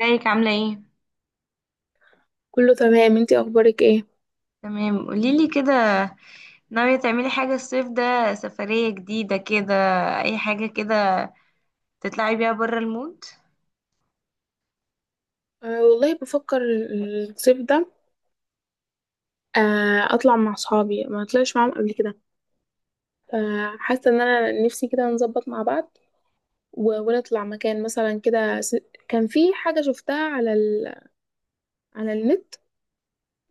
ازيك عاملة ايه؟ كله تمام، انتي اخبارك ايه؟ تمام، قوليلي كده. ناوية تعملي حاجة الصيف ده؟ سفرية جديدة كده، أي حاجة كده، تطلعي بيها برا المود؟ أه والله بفكر الصيف ده أه اطلع مع صحابي ما طلعش معاهم قبل كده، فحاسه ان انا نفسي كده نظبط مع بعض ونطلع مكان مثلا كده كان في حاجه شفتها على النت.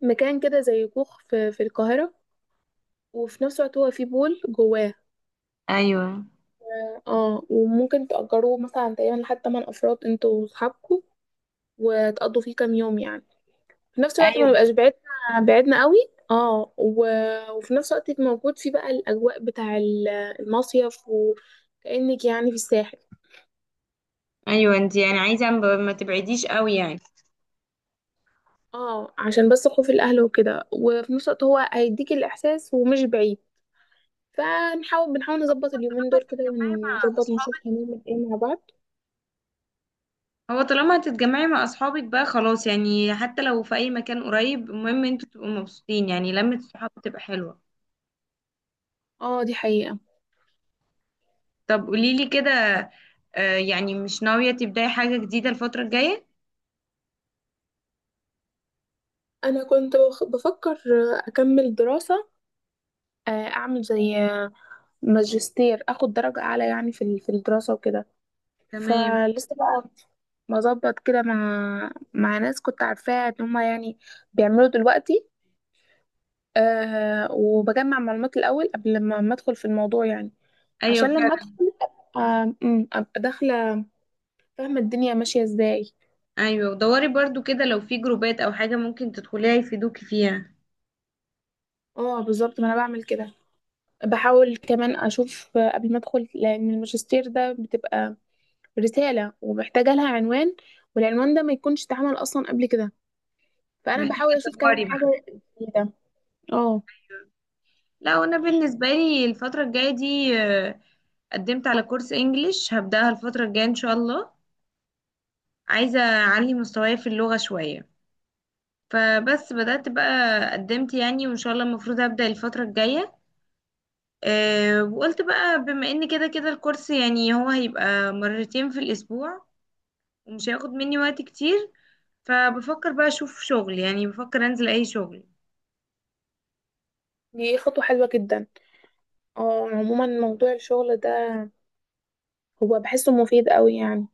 مكان كده زي كوخ في القاهره، وفي نفس الوقت هو فيه بول جواه. أيوه، اه، وممكن تأجروه مثلا تقريبا لحد 8 افراد انتوا وصحابكم، وتقضوا فيه كام يوم يعني، في نفس الوقت ما أيوه، نبقاش بعدنا قوي. اه وفي نفس الوقت يبقى موجود فيه بقى الاجواء المصيف، وكأنك يعني في الساحل. أيوه، انتي يعني عايزة ما تبعديش قوي يعني. اه، عشان بس خوف الاهل وكده، وفي نفس الوقت هو هيديك الاحساس ومش بعيد. بنحاول نظبط اليومين طالما دول كده، هتتجمعي مع ونظبط نشوف أصحابك هنعمل ايه مع بعض. طالما هتتجمعي مع أصحابك بقى خلاص، يعني حتى لو في أي مكان قريب، المهم انتوا تبقوا مبسوطين، يعني لمة الصحاب بتبقى حلوة. اه دي حقيقة. طب قوليلي كده. يعني مش ناوية تبدأي حاجة جديدة الفترة الجاية؟ انا كنت بفكر اكمل دراسة، اعمل زي ماجستير، اخد درجة اعلى يعني في الدراسة وكده. تمام. فلسه بقى مظبط كده مع ناس كنت عارفاها ان هما يعني بيعملوا دلوقتي. أه، وبجمع معلومات الاول قبل ما ادخل في الموضوع يعني، أيوه، عشان لما فعلا. ادخل ابقى، أبقى داخله فاهمه الدنيا ماشيه ازاي. ايوه، ودوري برضو كده لو في جروبات او حاجه ممكن تدخليها يفيدوكي فيها. اه بالظبط، ما انا بعمل كده. بحاول كمان اشوف قبل ما ادخل، لان الماجستير ده بتبقى رساله ومحتاجه لها عنوان، والعنوان ده ما يكونش اتعمل اصلا قبل كده، فانا محتاجه بحاول اشوف كمان تدوري حاجه بقى. جديده. اه لا، انا بالنسبه لي الفتره الجايه دي قدمت على كورس انجليش، هبداها الفتره الجايه ان شاء الله. عايزه اعلي مستواي في اللغه شويه. فبس بدات بقى، قدمت يعني، وان شاء الله المفروض هبدا الفتره الجايه. أه، وقلت بقى بما ان كده كده الكورس، يعني هو هيبقى مرتين في الاسبوع ومش هياخد مني وقت كتير. فبفكر بقى اشوف شغل، يعني بفكر انزل اي شغل. دي خطوة حلوة جدا. اه، عموما موضوع الشغل ده هو بحسه مفيد قوي يعني،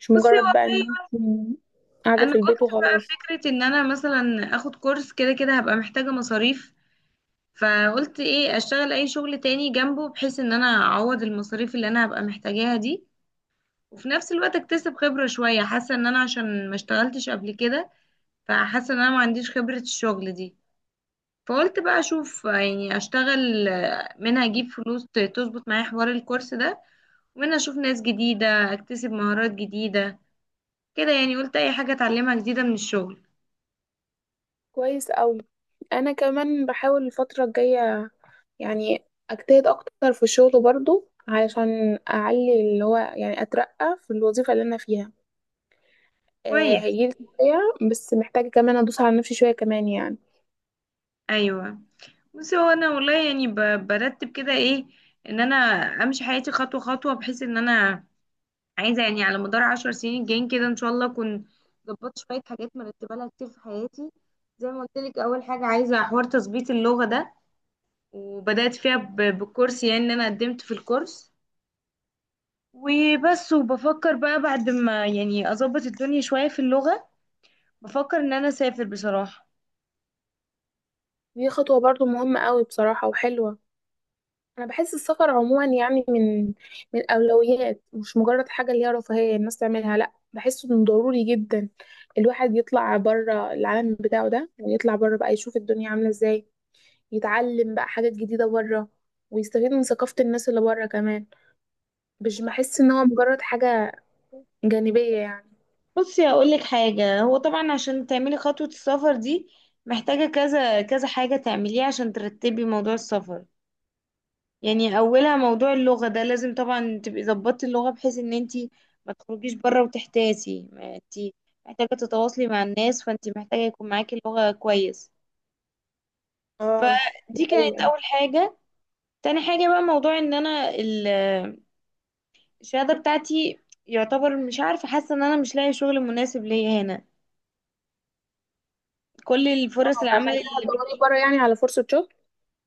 مش بصي مجرد بقى ان والله، انت قاعدة انا في قلت البيت بقى وخلاص. فكره ان انا مثلا اخد كورس، كده كده هبقى محتاجه مصاريف. فقلت ايه، اشتغل اي شغل تاني جنبه بحيث ان انا اعوض المصاريف اللي انا هبقى محتاجاها دي. وفي نفس الوقت اكتسب خبره شويه، حاسه ان انا عشان ما اشتغلتش قبل كده، فحاسه ان انا ما عنديش خبره الشغل دي. فقلت بقى اشوف، يعني اشتغل، منها اجيب فلوس تظبط معايا حوار الكورس ده، ومنها اشوف ناس جديده، اكتسب مهارات جديده كده، يعني قلت اي حاجه اتعلمها جديده من الشغل. كويس قوي. انا كمان بحاول الفترة الجاية يعني اجتهد اكتر في الشغل برضو، علشان اعلي اللي هو يعني اترقى في الوظيفة اللي انا فيها. آه كويس. هيجيلي ترقية، بس محتاجة كمان ادوس على نفسي شوية كمان يعني. ايوه. بس هو انا والله يعني برتب كده، ايه، ان انا امشي حياتي خطوه خطوه، بحيث ان انا عايزه يعني على مدار 10 سنين الجايين كده ان شاء الله اكون ظبطت شويه حاجات مرتبه لها كتير في حياتي. زي ما قلت لك، اول حاجه عايزه حوار تظبيط اللغه ده، وبدات فيها بالكورس، يعني ان انا قدمت في الكورس وبس. وبفكر بقى بعد ما يعني اظبط الدنيا شويه في اللغه، بفكر ان انا اسافر بصراحه. دي خطوة برضو مهمة قوي بصراحة وحلوة. انا بحس السفر عموما يعني من الاولويات، مش مجرد حاجه اللي هي رفاهيه الناس تعملها، لا بحسه انه ضروري جدا الواحد يطلع بره العالم بتاعه ده، ويطلع بره بقى يشوف الدنيا عامله ازاي، يتعلم بقى حاجات جديده بره، ويستفيد من ثقافه الناس اللي بره كمان. مش بحس ان هو مجرد حاجه جانبيه يعني. بصي هقول لك حاجة، هو طبعا عشان تعملي خطوة السفر دي محتاجة كذا كذا حاجة تعمليها عشان ترتبي موضوع السفر. يعني أولها موضوع اللغة ده، لازم طبعا تبقي ظبطتي اللغة بحيث إن انتي ما تخرجيش بره وتحتاسي، ما انتي محتاجة تتواصلي مع الناس، فانتي محتاجة يكون معاكي اللغة كويس. اه دي فدي كانت حقيقه. أول حاجة. تاني حاجة بقى، موضوع إن أنا الشهادة بتاعتي يعتبر مش عارفة، حاسة إن أنا مش لاقي شغل مناسب ليا هنا، كل الفرص اه، فعشان العمل. كده هتدوري بره يعني على فرصه شغل.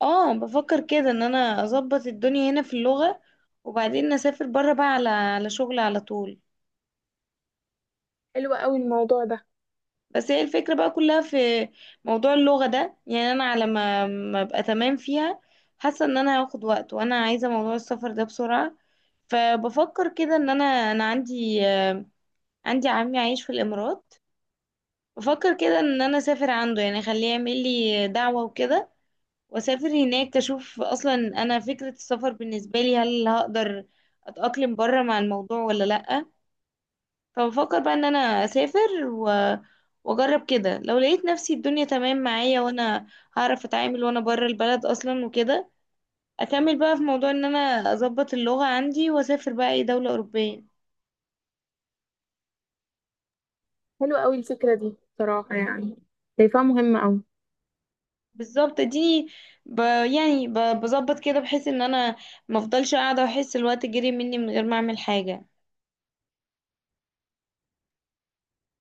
اه، بفكر كده ان انا اظبط الدنيا هنا في اللغة وبعدين اسافر بره بقى على شغل على طول. حلوه قوي الموضوع ده. بس هي الفكرة بقى كلها في موضوع اللغة ده، يعني انا على ما ابقى تمام فيها حاسة ان انا هاخد وقت، وانا عايزة موضوع السفر ده بسرعة. فبفكر كده ان انا عندي عندي عمي عايش في الامارات. بفكر كده ان انا اسافر عنده، يعني اخليه يعمل لي دعوة وكده، واسافر هناك اشوف اصلا انا فكرة السفر بالنسبة لي هل هقدر اتأقلم بره مع الموضوع ولا لأ. فبفكر بقى ان انا اسافر واجرب كده، لو لقيت نفسي الدنيا تمام معايا وانا هعرف اتعامل وانا بره البلد اصلا وكده، اكمل بقى في موضوع ان انا اظبط اللغة عندي واسافر بقى اي دولة اوروبية. حلوه قوي الفكره دي صراحه يعني، شايفاها مهمه قوي. بالظبط، اديني ب... يعني بظبط كده بحيث ان انا مفضلش قاعدة واحس الوقت جري مني من غير ما اعمل حاجة.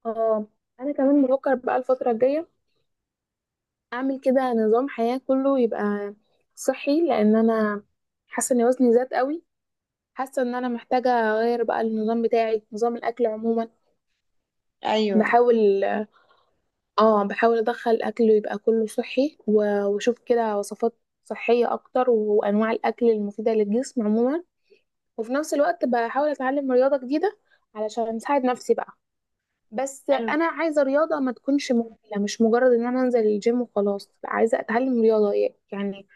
اه، انا كمان بفكر بقى الفتره الجايه اعمل كده نظام حياه كله يبقى صحي، لان انا حاسه ان وزني زاد قوي. حاسه ان انا محتاجه اغير بقى النظام بتاعي، نظام الاكل عموما. ايوه. بحاول، اه بحاول ادخل اكل يبقى كله صحي واشوف كده وصفات صحيه اكتر، وانواع الاكل المفيده للجسم عموما. وفي نفس الوقت بحاول اتعلم رياضه جديده علشان اساعد نفسي بقى. بس حلو. انا عايزه رياضه ما تكونش ممله، مش مجرد ان انا انزل الجيم وخلاص. لا، عايزه اتعلم رياضه يعني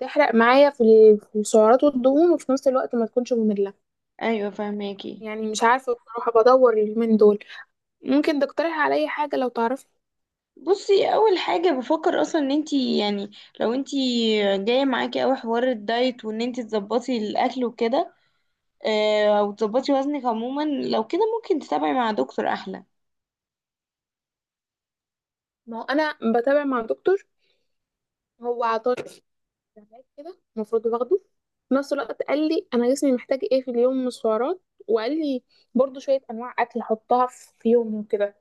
تحرق معايا في السعرات والدهون، وفي نفس الوقت ما تكونش ممله ايوه، فهماكي. يعني. مش عارفه بصراحه، بدور اليومين دول. ممكن تقترح عليا حاجه لو تعرف؟ بصي، اول حاجه بفكر اصلا ان انتي يعني لو انتي جايه معاكي اوي حوار الدايت وان انتي تظبطي الاكل وكده، او تظبطي وزنك عموما، لو كده ممكن تتابعي مع دكتور احلى. ما هو انا بتابع مع دكتور، هو عطاني استبعاد كده المفروض باخده، في نفس الوقت قال لي انا جسمي محتاج ايه في اليوم من السعرات، وقال لي برضو شويه انواع اكل احطها في يومي وكده.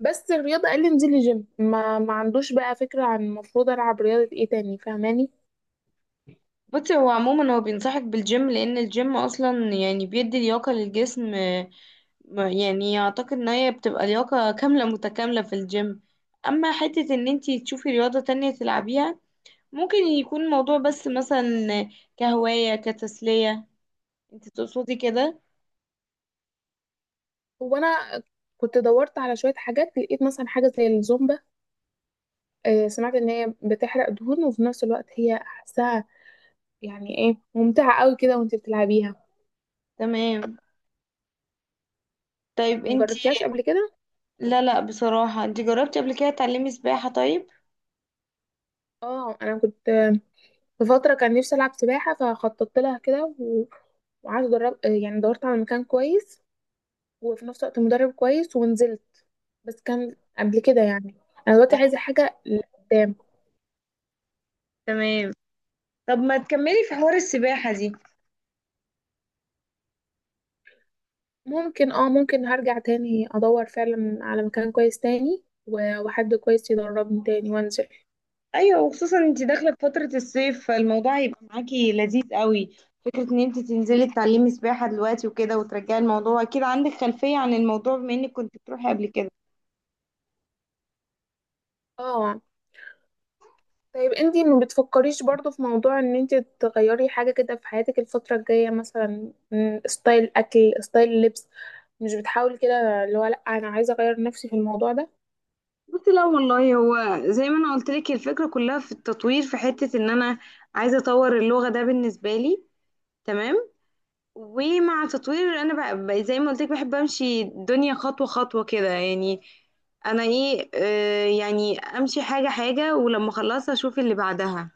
بس الرياضة قال لي انزلي جيم، ما عندوش بقى فكرة عن المفروض العب رياضة ايه تاني، فاهماني؟ بصي هو عموما هو بينصحك بالجيم لان الجيم اصلا يعني بيدي لياقه للجسم، يعني اعتقد ان هي بتبقى لياقه كامله متكامله في الجيم. اما حته ان انتي تشوفي رياضه تانية تلعبيها، ممكن يكون الموضوع بس مثلا كهوايه كتسليه، انتي تقصدي كده؟ هو انا كنت دورت على شوية حاجات، لقيت مثلا حاجة زي الزومبا. سمعت ان هي بتحرق دهون، وفي نفس الوقت هي احسها يعني ايه ممتعة قوي كده وانت بتلعبيها. تمام. طيب انتي. مجربتيهاش قبل كده؟ لا، لا، بصراحة، انتي جربتي قبل كده تعلمي سباحة؟ طيب. اه انا كنت في فترة كان نفسي العب سباحة، فخططت لها كده وقعدت ادرب، يعني دورت على مكان كويس، وفي نفس الوقت مدرب كويس، ونزلت. بس كان قبل كده يعني، انا دلوقتي عايزة حاجة لقدام. تمام. طب ما تكملي في حوار السباحة دي. ممكن، اه ممكن هرجع تاني ادور فعلا على مكان كويس تاني وحد كويس يدربني تاني وانزل. ايوه، وخصوصا انتي داخلة في فترة الصيف فالموضوع هيبقى معاكي لذيذ قوي. فكرة ان انتي تنزلي تتعلمي سباحة دلوقتي وكده وترجعي، الموضوع اكيد عندك خلفية عن الموضوع بما انك كنت بتروحي قبل كده. اه طيب انتي ما بتفكريش برضو في موضوع ان انتي تغيري حاجة كده في حياتك الفترة الجاية، مثلا ستايل اكل، ستايل لبس؟ مش بتحاولي كده اللي هو لا انا عايزة اغير نفسي في الموضوع ده؟ بصي، لا والله، هو زي ما انا قلت لك الفكرة كلها في التطوير، في حتة ان انا عايزة اطور اللغة ده بالنسبة لي. تمام. ومع تطوير انا بقى زي ما قلت لك بحب امشي الدنيا خطوه خطوه كده، يعني انا ايه، يعني امشي حاجه حاجه ولما اخلصها اشوف اللي بعدها.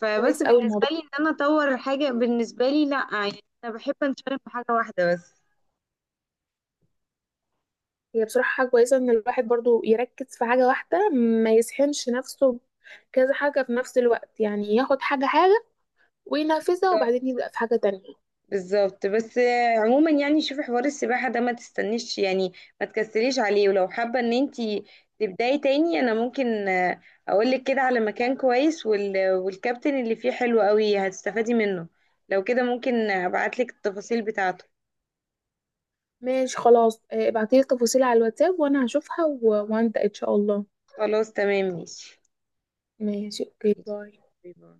فبس كويس اوي بالنسبه الموضوع. لي ان انا اطور حاجه بالنسبه لي، لا، يعني انا بحب انشغل في حاجه واحده بس. هي بصراحة حاجة كويسة ان الواحد برضو يركز في حاجة واحدة، ما يسحنش نفسه كذا حاجة في نفس الوقت. يعني ياخد حاجة حاجة وينفذها، وبعدين يبدأ في حاجة تانية. بالظبط. بس عموما يعني شوفي حوار السباحة ده ما تستنيش، يعني ما تكسليش عليه، ولو حابة ان انتي تبداي تاني انا ممكن اقولك كده على مكان كويس والكابتن اللي فيه حلو قوي، هتستفادي منه. لو كده ممكن ابعتلك التفاصيل بتاعته. ماشي خلاص، ابعتيلي التفاصيل على الواتساب، وانا هشوفها وابدأ ان شاء الله. خلاص تمام ماشي. ماشي اوكي، ماشي. باي. باي باي.